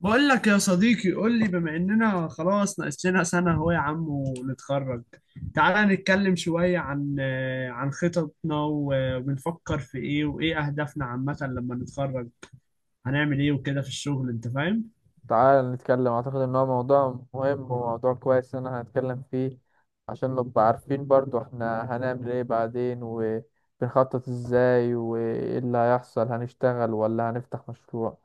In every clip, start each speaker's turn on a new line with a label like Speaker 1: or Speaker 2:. Speaker 1: بقول لك يا صديقي، قول لي، بما اننا خلاص ناقص لنا سنة اهو يا عم ونتخرج. تعالى نتكلم شوية عن عن خططنا وبنفكر في ايه وايه اهدافنا عامة لما نتخرج. هنعمل ايه وكده في الشغل، انت فاهم.
Speaker 2: تعال نتكلم. أعتقد إن هو موضوع مهم وموضوع كويس إن احنا هنتكلم فيه، عشان نبقى عارفين برضو احنا هنعمل ايه بعدين وبنخطط ازاي وايه اللي هيحصل، هنشتغل ولا هنفتح مشروع.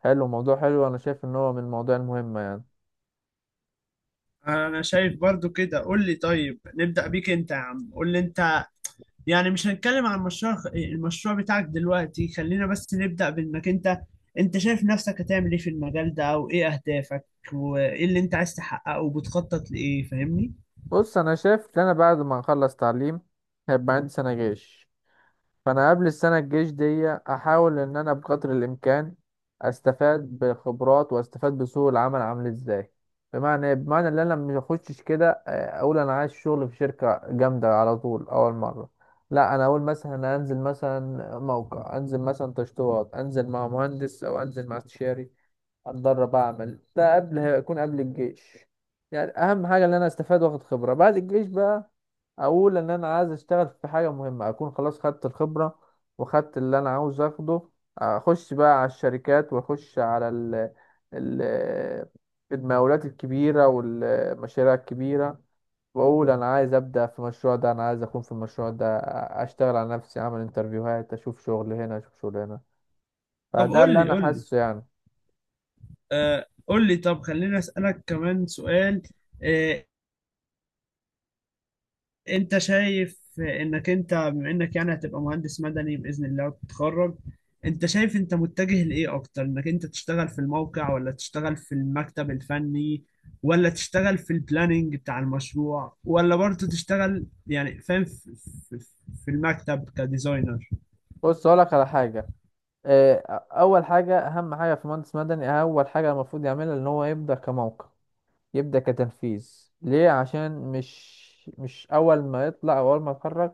Speaker 2: حلو، موضوع حلو. أنا شايف إن هو من المواضيع المهمة يعني.
Speaker 1: انا شايف برضو كده. قول لي، طيب نبدأ بيك انت يا عم. قول لي انت، يعني مش هنتكلم عن المشروع بتاعك دلوقتي، خلينا بس نبدأ بانك انت. انت شايف نفسك هتعمل ايه في المجال ده، او ايه اهدافك، وايه اللي انت عايز تحققه وبتخطط لايه؟ فاهمني.
Speaker 2: بص، أنا شايف إن أنا بعد ما أخلص تعليم هيبقى عندي سنة جيش، فانا قبل السنه الجيش دي احاول ان انا بقدر الامكان استفاد بخبرات واستفاد بسوق العمل عامل ازاي. بمعنى إيه؟ بمعنى ان انا ما اخشش كده اقول انا عايز شغل في شركه جامده على طول اول مره. لا، انا اقول مثلا أنا انزل مثلا موقع، انزل مثلا تشطيبات، انزل مع مهندس او انزل مع استشاري، اتدرب، اعمل ده قبل، هيكون قبل الجيش. يعني اهم حاجه ان انا استفاد واخد خبره. بعد الجيش بقى اقول ان انا عايز اشتغل في حاجه مهمه، اكون خلاص خدت الخبره وخدت اللي انا عاوز اخده. اخش بقى على الشركات واخش على ال المقاولات الكبيره والمشاريع الكبيره، واقول انا عايز ابدا في المشروع ده، انا عايز اكون في المشروع ده، اشتغل على نفسي، اعمل انترفيوهات، اشوف شغل هنا اشوف شغل هنا.
Speaker 1: طب
Speaker 2: فده
Speaker 1: قول
Speaker 2: اللي
Speaker 1: لي،
Speaker 2: انا
Speaker 1: قول لي،
Speaker 2: حاسه يعني.
Speaker 1: قول لي، طب خلينا اسألك كمان سؤال. آه، انت شايف انك انت بما انك يعني هتبقى مهندس مدني باذن الله وتتخرج، انت شايف انت متجه لايه اكتر؟ انك انت تشتغل في الموقع، ولا تشتغل في المكتب الفني، ولا تشتغل في البلاننج بتاع المشروع، ولا برضه تشتغل يعني فاهم في في- في المكتب كديزاينر؟
Speaker 2: بص اقول لك على حاجه. اول حاجه، اهم حاجه في مهندس مدني، اول حاجه المفروض يعملها ان هو يبدا كموقع، يبدأ كتنفيذ. ليه؟ عشان مش أول ما يطلع أو أول ما يتخرج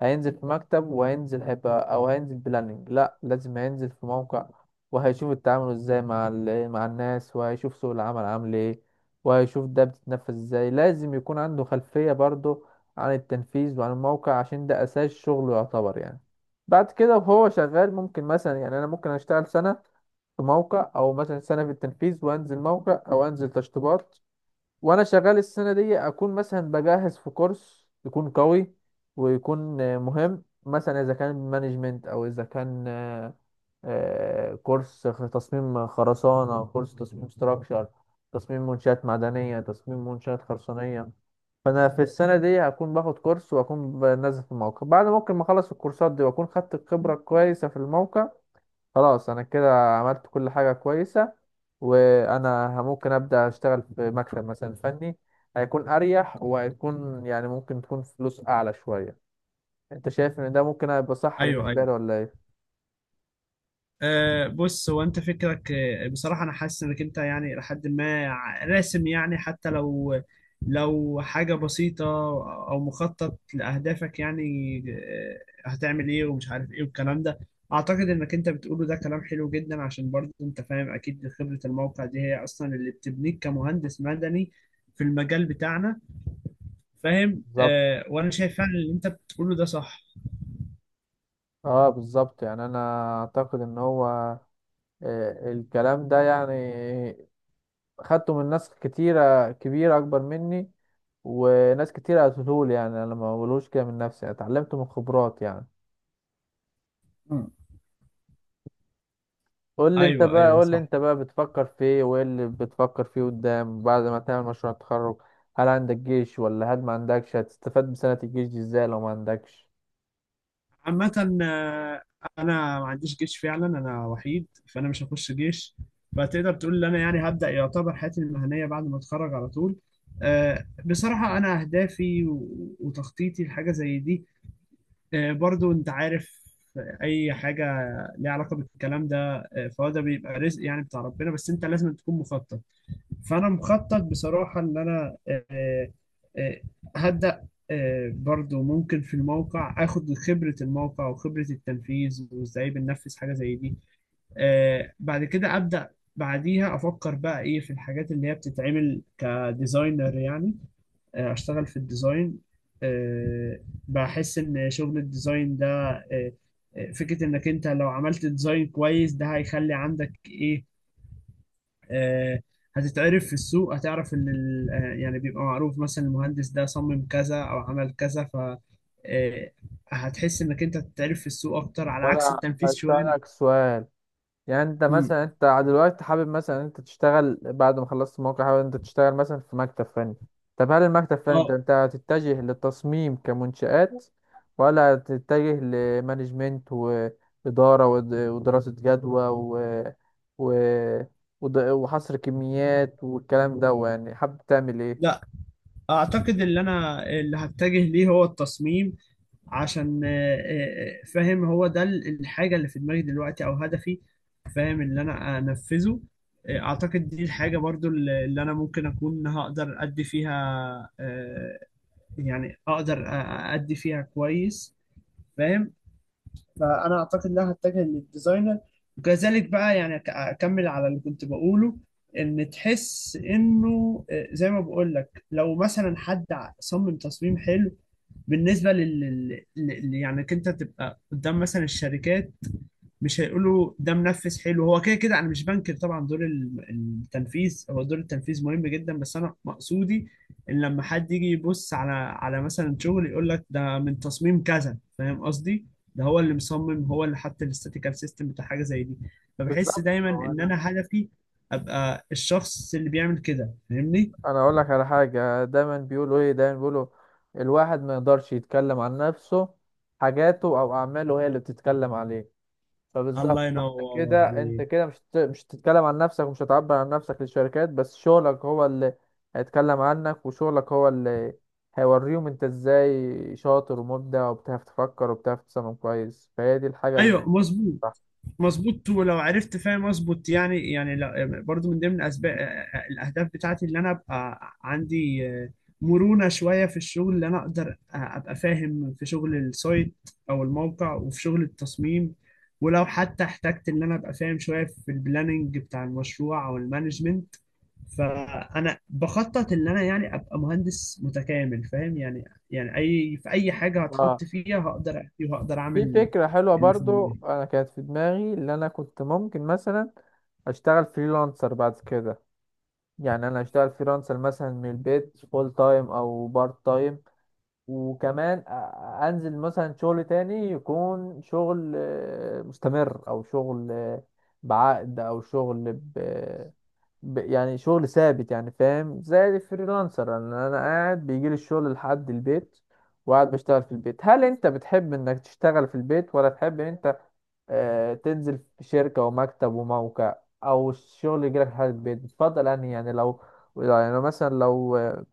Speaker 2: هينزل في مكتب، وهينزل هيبقى أو هينزل بلاننج، لأ، لازم هينزل في موقع، وهيشوف التعامل ازاي مع مع الناس، وهيشوف سوق العمل عامل ايه، وهيشوف ده بتتنفذ ازاي. لازم يكون عنده خلفية برضه عن التنفيذ وعن الموقع، عشان ده أساس شغله يعتبر يعني. بعد كده وهو شغال ممكن مثلا، يعني أنا ممكن أشتغل سنة في موقع، او مثلا سنه في التنفيذ، وانزل موقع او انزل تشطيبات. وانا شغال السنه دي اكون مثلا بجهز في كورس يكون قوي ويكون مهم، مثلا اذا كان مانجمنت او اذا كان كورس في تصميم خرسانه، كورس تصميم ستراكشر، تصميم منشات معدنيه، تصميم منشات خرسانيه. فانا في السنه دي هكون باخد كورس واكون بنزل في الموقع. بعد ممكن ما اخلص الكورسات دي واكون خدت الخبره كويسه في الموقع، خلاص انا كده عملت كل حاجة كويسة، وانا ممكن ابدا اشتغل في مكتب مثلا فني، هيكون اريح وهيكون يعني ممكن تكون فلوس اعلى شوية. انت شايف ان ده ممكن هيبقى صح
Speaker 1: ايوه.
Speaker 2: بالنسبة لي ولا ايه؟
Speaker 1: أه، بص، هو انت فكرك بصراحة انا حاسس انك انت يعني لحد ما راسم، يعني حتى لو حاجة بسيطة، او مخطط لأهدافك، يعني هتعمل ايه ومش عارف ايه والكلام ده. اعتقد انك انت بتقوله ده كلام حلو جدا، عشان برضه انت فاهم اكيد خبرة الموقع دي هي اصلا اللي بتبنيك كمهندس مدني في المجال بتاعنا. فاهم؟
Speaker 2: بالظبط،
Speaker 1: أه، وانا شايف فعلا اللي انت بتقوله ده صح.
Speaker 2: اه بالظبط. يعني انا اعتقد ان هو الكلام ده يعني خدته من ناس كتيرة كبيرة اكبر مني، وناس كتيرة قالتهولي، يعني انا ما بقولوش كده من نفسي، اتعلمته من خبرات يعني.
Speaker 1: مم.
Speaker 2: قول لي انت
Speaker 1: ايوه،
Speaker 2: بقى،
Speaker 1: ايوه،
Speaker 2: قول لي
Speaker 1: صح.
Speaker 2: انت بقى بتفكر في ايه وايه اللي بتفكر فيه قدام بعد ما تعمل مشروع التخرج. هل عندك جيش ولا هل ما عندكش؟ هتستفاد بسنة الجيش دي ازاي لو ما عندكش؟
Speaker 1: عامة، آه، انا ما عنديش جيش فعلا، انا وحيد فانا مش هخش جيش. فتقدر تقول ان انا يعني هبدأ يعتبر حياتي المهنية بعد ما اتخرج على طول. بصراحة انا اهدافي وتخطيطي لحاجة زي دي، برضو انت عارف اي حاجة ليها علاقة بالكلام ده، فهو ده بيبقى رزق يعني بتاع ربنا، بس انت لازم تكون مخطط. فانا مخطط بصراحه ان انا آه، هبدا برضو ممكن في الموقع اخد خبره الموقع وخبره التنفيذ وازاي بننفذ حاجه زي دي. بعد كده ابدا، بعديها افكر بقى ايه في الحاجات اللي هي بتتعمل كديزاينر يعني. اشتغل في الديزاين. آه، بحس ان شغل الديزاين ده آه، فكره انك انت لو عملت ديزاين كويس ده هيخلي عندك ايه. آه، هتتعرف في السوق، هتعرف ان يعني بيبقى معروف مثلا المهندس ده صمم كذا او عمل كذا، ف آه، هتحس انك انت هتتعرف في السوق اكتر، على عكس
Speaker 2: وانا
Speaker 1: التنفيذ شويه.
Speaker 2: هسألك سؤال، يعني انت
Speaker 1: مم.
Speaker 2: مثلا انت دلوقتي حابب مثلا انت تشتغل بعد ما خلصت الموقع، حابب انت تشتغل مثلا في مكتب فني؟ طب هل المكتب فني انت
Speaker 1: اه.
Speaker 2: انت هتتجه للتصميم كمنشآت، ولا هتتجه لمانجمنت وإدارة ودراسة جدوى و... وحصر كميات والكلام ده، يعني حابب تعمل ايه؟
Speaker 1: لا، اعتقد اللي هتجه ليه هو التصميم، عشان فاهم، هو ده الحاجه اللي في دماغي دلوقتي، او هدفي، فاهم اللي انا انفذه. اعتقد دي الحاجه برضو اللي انا ممكن اكون هقدر ادي فيها، آه، يعني اقدر ادي فيها كويس، فاهم. فانا اعتقد ان انا هتجه للديزاينر. وكذلك بقى يعني اكمل على اللي كنت بقوله، ان تحس انه زي ما بقول لك، لو مثلا حد صمم تصميم حلو، بالنسبه يعني إنك انت تبقى قدام مثلا الشركات، مش هيقولوا ده منفذ حلو هو كده كده. انا مش بنكر طبعا دور التنفيذ، هو دور التنفيذ مهم جدا، بس انا مقصودي ان لما حد يجي يبص على مثلا شغل، يقول لك ده من تصميم كذا، فاهم قصدي؟ ده هو اللي مصمم، هو اللي حط الاستاتيكال سيستم بتاع حاجه زي دي. فبحس
Speaker 2: بالظبط.
Speaker 1: دايما
Speaker 2: هو
Speaker 1: ان
Speaker 2: انا
Speaker 1: انا هدفي ابقى الشخص اللي بيعمل كده، فاهمني؟
Speaker 2: انا اقول لك على حاجه. دايما بيقولوا ايه؟ دايما بيقولوا الواحد ما يقدرش يتكلم عن نفسه، حاجاته او اعماله هي اللي بتتكلم عليه. فبالظبط،
Speaker 1: الله
Speaker 2: فانت
Speaker 1: ينور
Speaker 2: كده، انت
Speaker 1: عليك.
Speaker 2: كده مش هتتكلم عن نفسك ومش هتعبر عن نفسك للشركات، بس شغلك هو اللي هيتكلم عنك، وشغلك هو اللي هيوريهم انت ازاي شاطر ومبدع وبتعرف تفكر وبتعرف تصمم كويس. فهي دي الحاجه اللي
Speaker 1: ايوه، مظبوط. مظبوط. ولو عرفت فاهم اظبط يعني برضو من ضمن اسباب الاهداف بتاعتي، اللي انا ابقى عندي مرونة شوية في الشغل، اللي انا اقدر ابقى فاهم في شغل السايت او الموقع، وفي شغل التصميم. ولو حتى احتجت ان انا ابقى فاهم شوية في البلاننج بتاع المشروع او المانجمنت، فانا بخطط ان انا يعني ابقى مهندس متكامل، فاهم يعني. يعني في اي حاجة
Speaker 2: صح.
Speaker 1: هتحط فيها هقدر احكي وهقدر
Speaker 2: في
Speaker 1: اعمل.
Speaker 2: فكرة حلوة
Speaker 1: اللي في
Speaker 2: برضو
Speaker 1: دماغي.
Speaker 2: أنا كانت في دماغي، اللي أنا كنت ممكن مثلا أشتغل فريلانسر بعد كده. يعني أنا أشتغل فريلانسر مثلا من البيت، فول تايم أو بارت تايم، وكمان أنزل مثلا شغل تاني يكون شغل مستمر، أو شغل بعقد، أو شغل يعني شغل ثابت يعني، فاهم؟ زي الفريلانسر أن أنا قاعد بيجيلي الشغل لحد البيت وقاعد بشتغل في البيت. هل انت بتحب انك تشتغل في البيت، ولا تحب ان انت تنزل في شركة ومكتب وموقع، أو الشغل يجيلك لحد البيت؟ بتفضل أنهي؟ يعني لو، يعني لو مثلا، لو آه،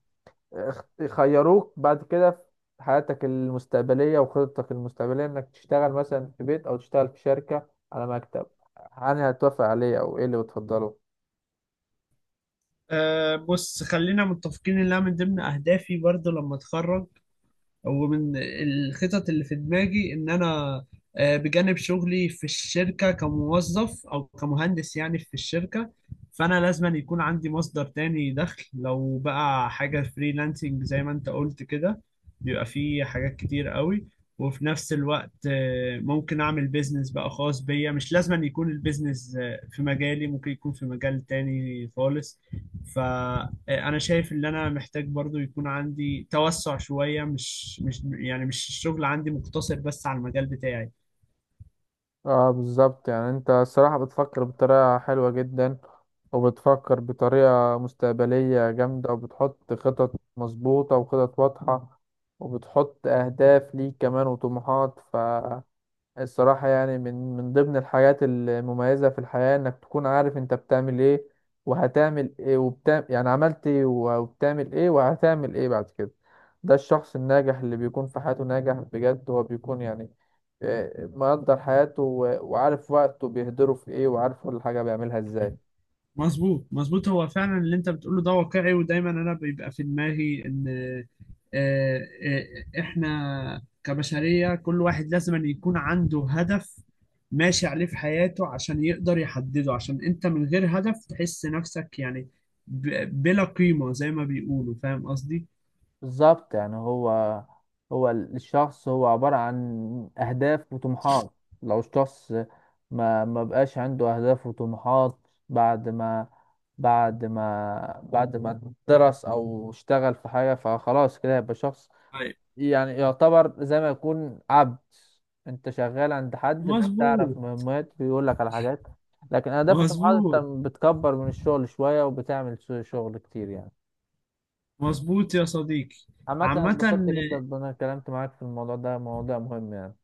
Speaker 2: اخت- خيروك بعد كده في حياتك المستقبلية وخططك المستقبلية إنك تشتغل مثلا في بيت أو تشتغل في شركة على مكتب، أنهي هتوافق عليه أو إيه اللي بتفضله؟
Speaker 1: أه، بص، خلينا متفقين انها من ضمن اهدافي برضو لما اتخرج، ومن الخطط اللي في دماغي ان انا بجانب شغلي في الشركة كموظف او كمهندس يعني في الشركة، فانا لازم أن يكون عندي مصدر تاني دخل، لو بقى حاجة فريلانسنج زي ما انت قلت كده بيبقى فيه حاجات كتير قوي. وفي نفس الوقت ممكن اعمل بيزنس بقى خاص بيا، مش لازم أن يكون البيزنس في مجالي، ممكن يكون في مجال تاني خالص. انا شايف ان انا محتاج برضو يكون عندي توسع شوية، مش الشغل عندي مقتصر بس على المجال بتاعي.
Speaker 2: اه بالظبط، يعني انت الصراحة بتفكر بطريقة حلوة جدا، وبتفكر بطريقة مستقبلية جامدة، وبتحط خطط مظبوطة وخطط واضحة، وبتحط أهداف ليك كمان وطموحات. الصراحة يعني من ضمن الحاجات المميزة في الحياة إنك تكون عارف أنت بتعمل إيه وهتعمل إيه، وبتعمل يعني عملت إيه وبتعمل إيه وهتعمل إيه بعد كده. ده الشخص الناجح اللي بيكون في حياته ناجح بجد، هو بيكون يعني مقدر حياته وعارف وقته بيهدره في إيه، وعارف كل حاجة بيعملها إزاي.
Speaker 1: أيوة. مظبوط، مظبوط. هو فعلا اللي انت بتقوله ده واقعي، ودايما انا بيبقى في دماغي ان آه، احنا كبشرية كل واحد لازم أن يكون عنده هدف ماشي عليه في حياته، عشان يقدر يحدده، عشان انت من غير هدف تحس نفسك يعني بلا قيمة زي ما بيقولوا، فاهم قصدي؟
Speaker 2: بالظبط يعني. هو الشخص هو عبارة عن أهداف وطموحات. لو الشخص ما بقاش عنده أهداف وطموحات بعد ما، بعد ما درس أو اشتغل في حاجة فخلاص كده، يبقى شخص
Speaker 1: أيوة.
Speaker 2: يعني يعتبر زي ما يكون عبد، أنت شغال عند حد بتعرف
Speaker 1: مظبوط،
Speaker 2: مهمات بيقول لك على حاجات. لكن أهداف وطموحات أنت
Speaker 1: مظبوط،
Speaker 2: بتكبر من الشغل شوية، وبتعمل شغل كتير يعني.
Speaker 1: مظبوط يا صديقي.
Speaker 2: عامة أنا اتبسطت
Speaker 1: عامة،
Speaker 2: جدا إن أنا اتكلمت معاك في الموضوع ده، موضوع مهم يعني.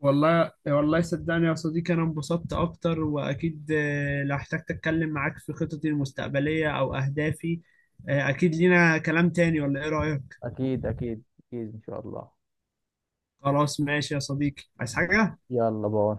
Speaker 1: والله والله صدقني يا صديقي، أنا انبسطت أكتر، وأكيد لو احتجت أتكلم معاك في خططي المستقبلية أو أهدافي أكيد لينا كلام تاني، ولا إيه رأيك؟
Speaker 2: أكيد أكيد أكيد إن شاء الله.
Speaker 1: خلاص، ماشي يا صديقي، عايز حاجة؟
Speaker 2: يلا باي.